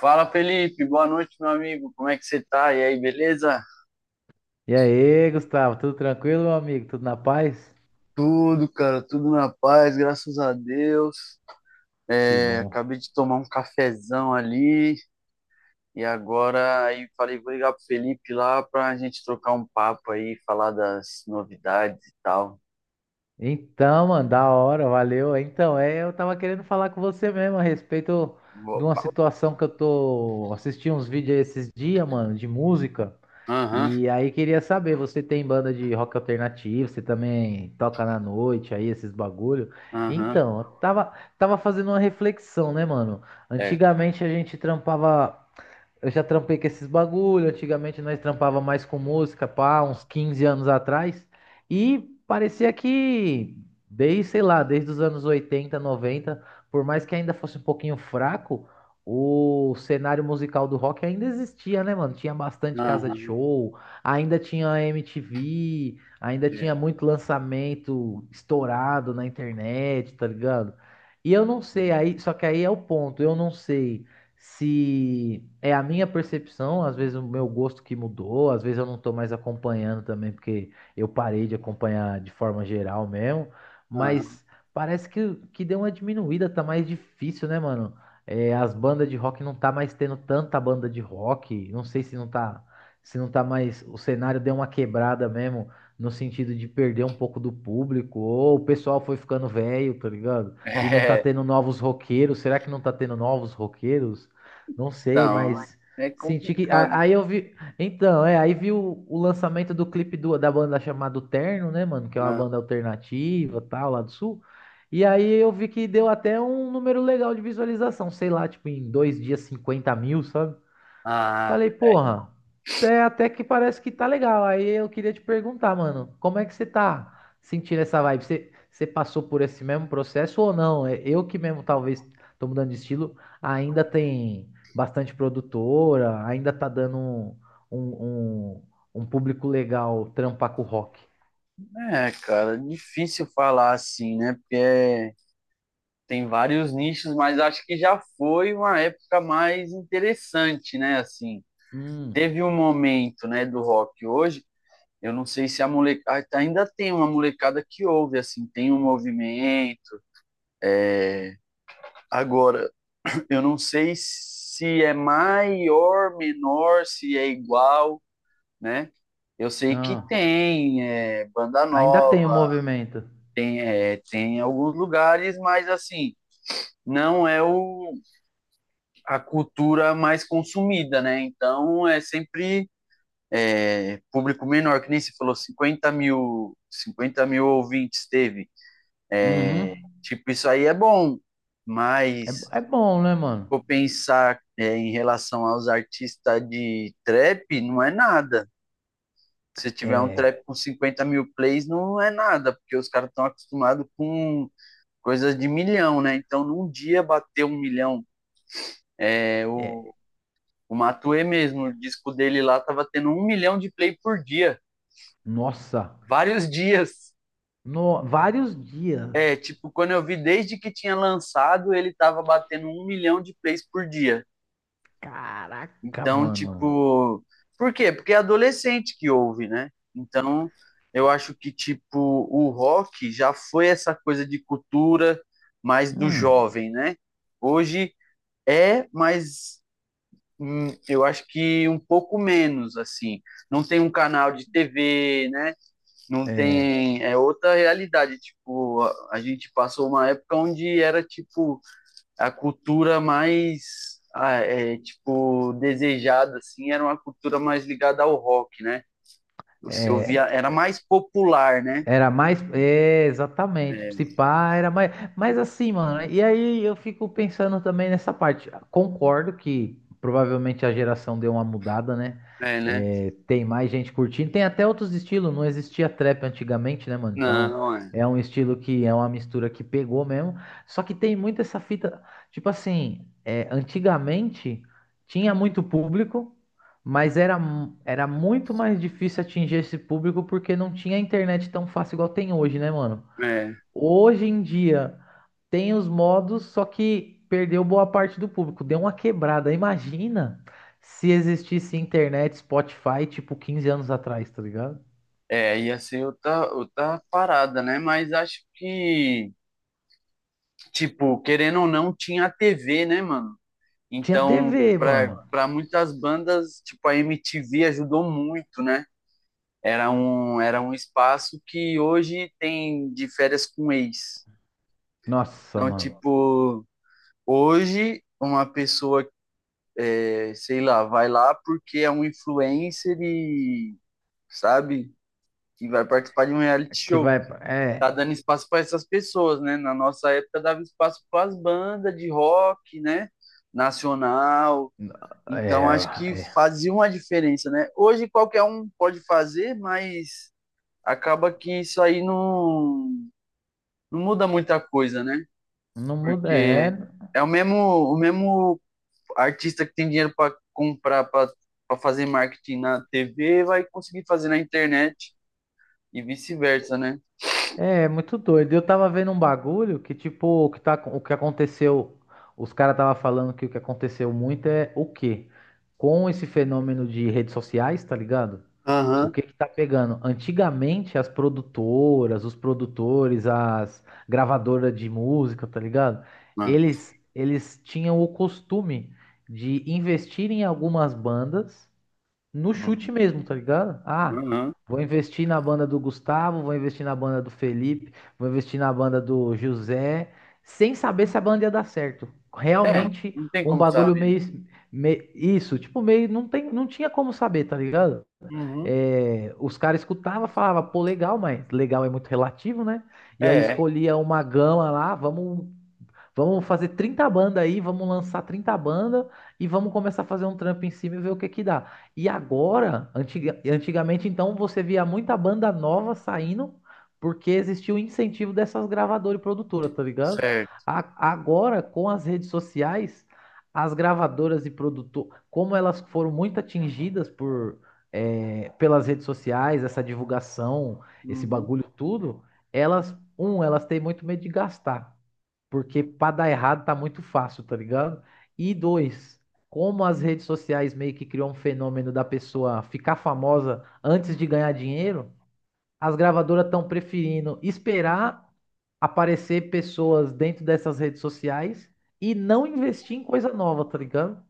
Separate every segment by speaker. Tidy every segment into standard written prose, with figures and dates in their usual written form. Speaker 1: Fala, Felipe, boa noite, meu amigo, como é que você tá? E aí, beleza?
Speaker 2: E aí, Gustavo, tudo tranquilo, meu amigo? Tudo na paz?
Speaker 1: Tudo, cara, tudo na paz, graças a Deus.
Speaker 2: Que
Speaker 1: É,
Speaker 2: bom.
Speaker 1: acabei de tomar um cafezão ali e agora aí falei, vou ligar pro Felipe lá pra gente trocar um papo aí, falar das novidades e tal.
Speaker 2: Então, mano, da hora, valeu. Então, eu tava querendo falar com você mesmo a respeito
Speaker 1: Bo-
Speaker 2: de uma situação que eu tô assistindo uns vídeos esses dias, mano, de música.
Speaker 1: Aham,
Speaker 2: E aí queria saber, você tem banda de rock alternativo, você também toca na noite aí, esses bagulho?
Speaker 1: aham,
Speaker 2: Então, eu tava fazendo uma reflexão, né, mano?
Speaker 1: é,
Speaker 2: Antigamente a gente trampava. Eu já trampei com esses bagulho. Antigamente nós trampava mais com música, pá, uns 15 anos atrás. E parecia que, desde, sei lá, desde os anos 80, 90, por mais que ainda fosse um pouquinho fraco, o cenário musical do rock ainda existia, né, mano? Tinha bastante casa de
Speaker 1: aham,
Speaker 2: show, ainda tinha MTV, ainda tinha
Speaker 1: é,
Speaker 2: muito lançamento estourado na internet, tá ligado? E eu não sei, aí, só que aí é o ponto, eu não sei se é a minha percepção, às vezes o meu gosto que mudou, às vezes eu não tô mais acompanhando também, porque eu parei de acompanhar de forma geral mesmo,
Speaker 1: aham.
Speaker 2: mas parece que deu uma diminuída, tá mais difícil, né, mano? É, as bandas de rock não tá mais tendo tanta banda de rock, não sei se não tá, se não tá mais, o cenário deu uma quebrada mesmo, no sentido de perder um pouco do público, ou o pessoal foi ficando velho, tá ligado? E não tá
Speaker 1: É,
Speaker 2: tendo novos roqueiros. Será que não tá tendo novos roqueiros? Não sei,
Speaker 1: não,
Speaker 2: mas
Speaker 1: é
Speaker 2: senti que.
Speaker 1: complicado.
Speaker 2: Aí eu vi. Então, aí vi o lançamento do clipe da banda chamada Terno, né, mano? Que é uma
Speaker 1: Ah,
Speaker 2: banda alternativa, tal, lá do sul. E aí eu vi que deu até um número legal de visualização, sei lá, tipo, em 2 dias 50 mil, sabe?
Speaker 1: ah,
Speaker 2: Falei, porra, até que parece que tá legal. Aí eu queria te perguntar, mano, como é que você tá sentindo essa vibe? Você passou por esse mesmo processo ou não? É, eu que mesmo talvez tô mudando de estilo, ainda tem bastante produtora, ainda tá dando um, um, um público legal trampar com o rock.
Speaker 1: é, cara, difícil falar assim, né? Porque é Tem vários nichos, mas acho que já foi uma época mais interessante, né? Assim,
Speaker 2: Hum.
Speaker 1: teve um momento, né, do rock hoje. Eu não sei se a molecada ainda tem uma molecada que ouve, assim, tem um movimento. Agora, eu não sei se é maior, menor, se é igual, né? Eu sei que
Speaker 2: Ah,
Speaker 1: tem banda
Speaker 2: ainda tem o
Speaker 1: nova,
Speaker 2: movimento.
Speaker 1: tem, é, tem alguns lugares, mas assim, não é a cultura mais consumida, né? Então é sempre é, público menor, que nem se falou, 50 mil, 50 mil ouvintes teve.
Speaker 2: Uhum.
Speaker 1: Tipo, isso aí é bom, mas
Speaker 2: É, é bom, né, mano?
Speaker 1: vou pensar é, em relação aos artistas de trap, não é nada. Se tiver um
Speaker 2: É,
Speaker 1: trap com 50 mil plays, não é nada, porque os caras estão acostumados com coisas de milhão, né? Então, num dia bater um milhão, é,
Speaker 2: é,
Speaker 1: o, o Matue mesmo, o disco dele lá tava tendo um milhão de play por dia.
Speaker 2: nossa,
Speaker 1: Vários dias.
Speaker 2: vários dias.
Speaker 1: É, tipo, quando eu vi desde que tinha lançado, ele tava batendo um milhão de plays por dia.
Speaker 2: Caraca,
Speaker 1: Então,
Speaker 2: mano.
Speaker 1: tipo, por quê? Porque é adolescente que ouve, né? Então, eu acho que, tipo, o rock já foi essa coisa de cultura mais do
Speaker 2: Hum,
Speaker 1: jovem, né? Hoje é, mas eu acho que um pouco menos, assim. Não tem um canal de TV, né? Não
Speaker 2: é,
Speaker 1: tem. É outra realidade. Tipo, a gente passou uma época onde era, tipo, a cultura mais, é, tipo, desejada, assim, era uma cultura mais ligada ao rock, né? Você ouvia,
Speaker 2: é,
Speaker 1: era mais popular, né?
Speaker 2: era mais, exatamente, se
Speaker 1: É,
Speaker 2: pá, era mais, mas assim, mano, e aí eu fico pensando também nessa parte. Concordo que provavelmente a geração deu uma mudada, né?
Speaker 1: é, né?
Speaker 2: É, tem mais gente curtindo, tem até outros estilos, não existia trap antigamente, né, mano? Então,
Speaker 1: Não, é,
Speaker 2: é um estilo que é uma mistura que pegou mesmo. Só que tem muito essa fita, tipo assim, antigamente tinha muito público. Mas era muito mais difícil atingir esse público porque não tinha internet tão fácil igual tem hoje, né, mano?
Speaker 1: é.
Speaker 2: Hoje em dia tem os modos, só que perdeu boa parte do público, deu uma quebrada. Imagina se existisse internet, Spotify, tipo 15 anos atrás, tá ligado?
Speaker 1: É, ia ser outra parada, né? Mas acho que, tipo, querendo ou não, tinha a TV, né, mano?
Speaker 2: Tinha
Speaker 1: Então,
Speaker 2: TV, mano.
Speaker 1: para muitas bandas, tipo, a MTV ajudou muito, né? Era um espaço que hoje tem de férias com ex.
Speaker 2: Nossa,
Speaker 1: Então,
Speaker 2: mano.
Speaker 1: tipo, hoje uma pessoa que, é, sei lá, vai lá porque é um influencer e, sabe, que vai participar de um reality
Speaker 2: Que
Speaker 1: show.
Speaker 2: vai. É.
Speaker 1: Tá dando espaço para essas pessoas, né? Na nossa época dava espaço para as bandas de rock, né? Nacional. Então,
Speaker 2: É.
Speaker 1: acho que
Speaker 2: É.
Speaker 1: fazia uma diferença, né? Hoje qualquer um pode fazer, mas acaba que isso aí não muda muita coisa, né?
Speaker 2: Não muda.
Speaker 1: Porque
Speaker 2: É.
Speaker 1: é o mesmo artista que tem dinheiro para comprar, para fazer marketing na TV, vai conseguir fazer na internet e vice-versa, né?
Speaker 2: É, muito doido. Eu tava vendo um bagulho que, tipo, o que aconteceu, os caras tava falando que o que aconteceu muito é o quê? Com esse fenômeno de redes sociais, tá ligado? O
Speaker 1: Aham.
Speaker 2: que que tá pegando? Antigamente, as produtoras, os produtores, as gravadoras de música, tá ligado?
Speaker 1: Ah,
Speaker 2: Eles tinham o costume de investir em algumas bandas no
Speaker 1: uhum.
Speaker 2: chute mesmo, tá ligado? Ah,
Speaker 1: Uhum.
Speaker 2: vou investir na banda do Gustavo, vou investir na banda do Felipe, vou investir na banda do José, sem saber se a banda ia dar certo.
Speaker 1: É,
Speaker 2: Realmente
Speaker 1: não tem
Speaker 2: um
Speaker 1: como
Speaker 2: bagulho
Speaker 1: saber.
Speaker 2: meio, isso, tipo, meio não tem, não tinha como saber, tá ligado?
Speaker 1: Uhum.
Speaker 2: É, os caras escutavam, falava, pô, legal, mas legal é muito relativo, né? E aí
Speaker 1: É,
Speaker 2: escolhia uma gama lá, vamos fazer 30 bandas aí, vamos lançar 30 bandas e vamos começar a fazer um trampo em cima e ver o que que dá. E agora, antigamente então, você via muita banda nova saindo porque existia o incentivo dessas gravadoras e produtoras, tá ligado?
Speaker 1: certo.
Speaker 2: Agora, com as redes sociais, as gravadoras e produtoras, como elas foram muito atingidas pelas redes sociais, essa divulgação, esse
Speaker 1: Uhum.
Speaker 2: bagulho tudo, elas têm muito medo de gastar. Porque pra dar errado tá muito fácil, tá ligado? E dois, como as redes sociais meio que criou um fenômeno da pessoa ficar famosa antes de ganhar dinheiro, as gravadoras estão preferindo esperar aparecer pessoas dentro dessas redes sociais e não investir em coisa nova, tá ligado?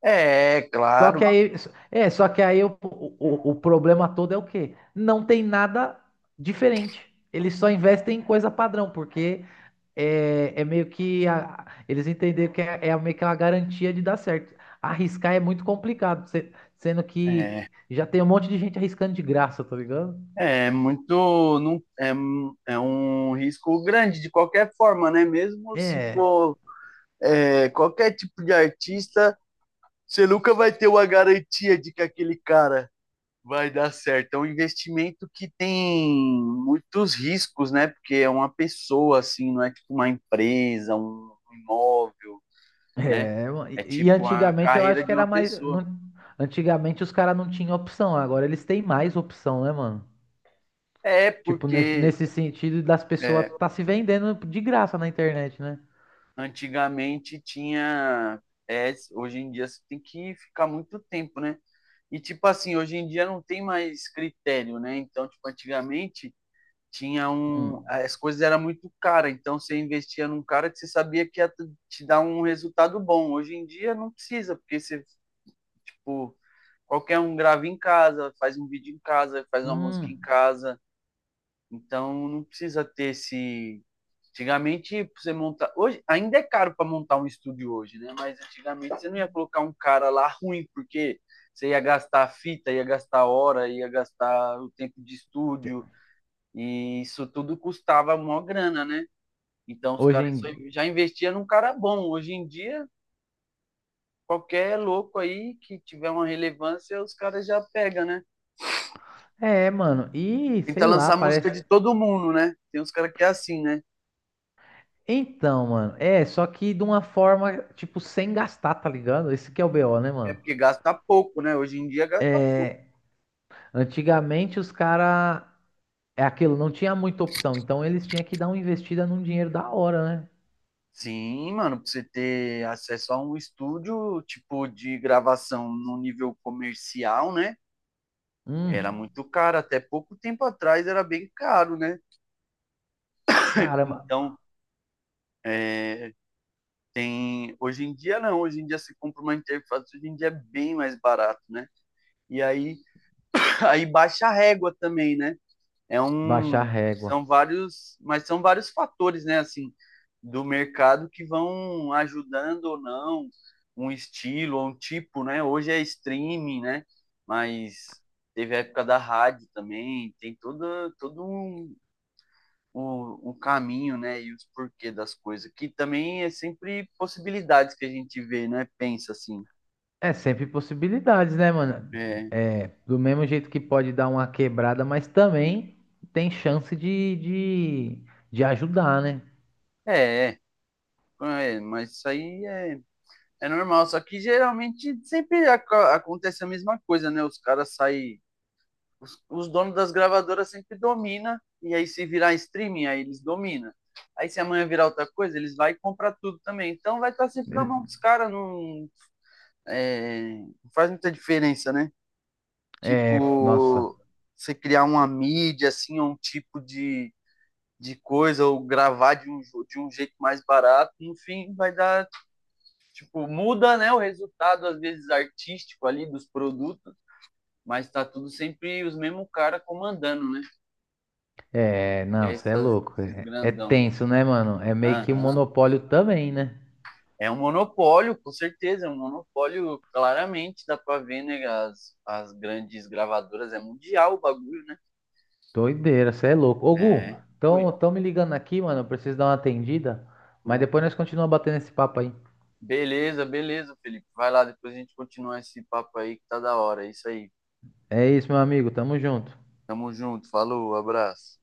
Speaker 1: É,
Speaker 2: Só
Speaker 1: claro.
Speaker 2: que aí, só que aí o problema todo é o quê? Não tem nada diferente. Eles só investem em coisa padrão, porque é meio que eles entenderam que é meio que uma garantia de dar certo. Arriscar é muito complicado, sendo que
Speaker 1: É.
Speaker 2: já tem um monte de gente arriscando de graça, tá ligado?
Speaker 1: É muito, não, é um risco grande de qualquer forma, né? Mesmo se
Speaker 2: É,
Speaker 1: for é, qualquer tipo de artista, você nunca vai ter uma garantia de que aquele cara vai dar certo. É um investimento que tem muitos riscos, né? Porque é uma pessoa, assim, não é tipo uma empresa, um imóvel, né?
Speaker 2: é, mano,
Speaker 1: É
Speaker 2: e
Speaker 1: tipo a
Speaker 2: antigamente eu
Speaker 1: carreira
Speaker 2: acho
Speaker 1: de
Speaker 2: que
Speaker 1: uma
Speaker 2: era mais.
Speaker 1: pessoa.
Speaker 2: Antigamente os caras não tinham opção, agora eles têm mais opção, né, mano?
Speaker 1: É
Speaker 2: Tipo, nesse,
Speaker 1: porque
Speaker 2: nesse sentido das pessoas
Speaker 1: é,
Speaker 2: tá se vendendo de graça na internet, né?
Speaker 1: antigamente tinha. É, hoje em dia você tem que ficar muito tempo, né? E, tipo assim, hoje em dia não tem mais critério, né? Então, tipo, antigamente tinha
Speaker 2: Hum.
Speaker 1: um. As coisas eram muito caras, então você investia num cara que você sabia que te dar um resultado bom. Hoje em dia não precisa, porque você, tipo, qualquer um grava em casa, faz um vídeo em casa, faz uma música em
Speaker 2: Hum.
Speaker 1: casa, então não precisa ter esse. Antigamente, pra você montar. Hoje, ainda é caro para montar um estúdio hoje, né? Mas antigamente você não ia colocar um cara lá ruim, porque você ia gastar fita, ia gastar hora, ia gastar o tempo de estúdio, e isso tudo custava uma grana, né? Então os
Speaker 2: Hoje
Speaker 1: caras
Speaker 2: em
Speaker 1: só-
Speaker 2: dia.
Speaker 1: já investiam num cara bom. Hoje em dia, qualquer louco aí que tiver uma relevância, os caras já pegam, né?
Speaker 2: É, mano, e
Speaker 1: Tenta
Speaker 2: sei lá,
Speaker 1: lançar música
Speaker 2: parece.
Speaker 1: de todo mundo, né? Tem uns caras que é assim, né?
Speaker 2: Então, mano, só que de uma forma, tipo, sem gastar, tá ligado? Esse que é o BO, né,
Speaker 1: É
Speaker 2: mano?
Speaker 1: porque gasta pouco, né? Hoje em dia gasta pouco.
Speaker 2: Antigamente os caras, é aquilo, não tinha muita opção, então eles tinham que dar uma investida num dinheiro da hora, né?
Speaker 1: Sim, mano, pra você ter acesso a um estúdio, tipo, de gravação no nível comercial, né?
Speaker 2: Hum,
Speaker 1: Era muito caro, até pouco tempo atrás era bem caro, né?
Speaker 2: caramba,
Speaker 1: Então, é, tem. Hoje em dia não, hoje em dia você compra uma interface, hoje em dia é bem mais barato, né? E aí, aí baixa a régua também, né? É
Speaker 2: baixar a
Speaker 1: um,
Speaker 2: régua.
Speaker 1: são vários, mas são vários fatores, né, assim, do mercado que vão ajudando ou não um estilo ou um tipo, né? Hoje é streaming, né? Mas teve a época da rádio também, tem todo um, um, um caminho, né? E os porquê das coisas, que também é sempre possibilidades que a gente vê, né? Pensa assim.
Speaker 2: É, sempre possibilidades, né, mano?
Speaker 1: É,
Speaker 2: É, do mesmo jeito que pode dar uma quebrada, mas também tem chance de, de ajudar, né?
Speaker 1: é, é, mas isso aí é, é normal, só que geralmente sempre ac acontece a mesma coisa, né? Os caras saem. Os donos das gravadoras sempre dominam, e aí se virar streaming, aí eles dominam. Aí se amanhã virar outra coisa, eles vão comprar tudo também. Então vai estar sempre na mão dos caras, é, não faz muita diferença, né?
Speaker 2: É, nossa.
Speaker 1: Tipo, você criar uma mídia, assim, ou um tipo de coisa, ou gravar de um jeito mais barato, enfim, vai dar tipo, muda, né, o resultado às vezes artístico ali dos produtos, mas tá tudo sempre os mesmos cara comandando, né?
Speaker 2: É,
Speaker 1: Que é
Speaker 2: não, você é
Speaker 1: essas,
Speaker 2: louco.
Speaker 1: Esses
Speaker 2: É, é
Speaker 1: grandão.
Speaker 2: tenso, né, mano? É meio que um
Speaker 1: Aham.
Speaker 2: monopólio também, né?
Speaker 1: É um monopólio, com certeza, é um monopólio, claramente, dá pra ver, né, as grandes gravadoras, é mundial o bagulho, né?
Speaker 2: Doideira, você é louco. Ô, Gu,
Speaker 1: É. Foi.
Speaker 2: tão me ligando aqui, mano. Eu preciso dar uma atendida. Mas depois nós continuamos batendo esse papo aí.
Speaker 1: Beleza, beleza, Felipe. Vai lá, depois a gente continua esse papo aí que tá da hora. É isso aí.
Speaker 2: É isso, meu amigo. Tamo junto.
Speaker 1: Tamo junto. Falou, abraço.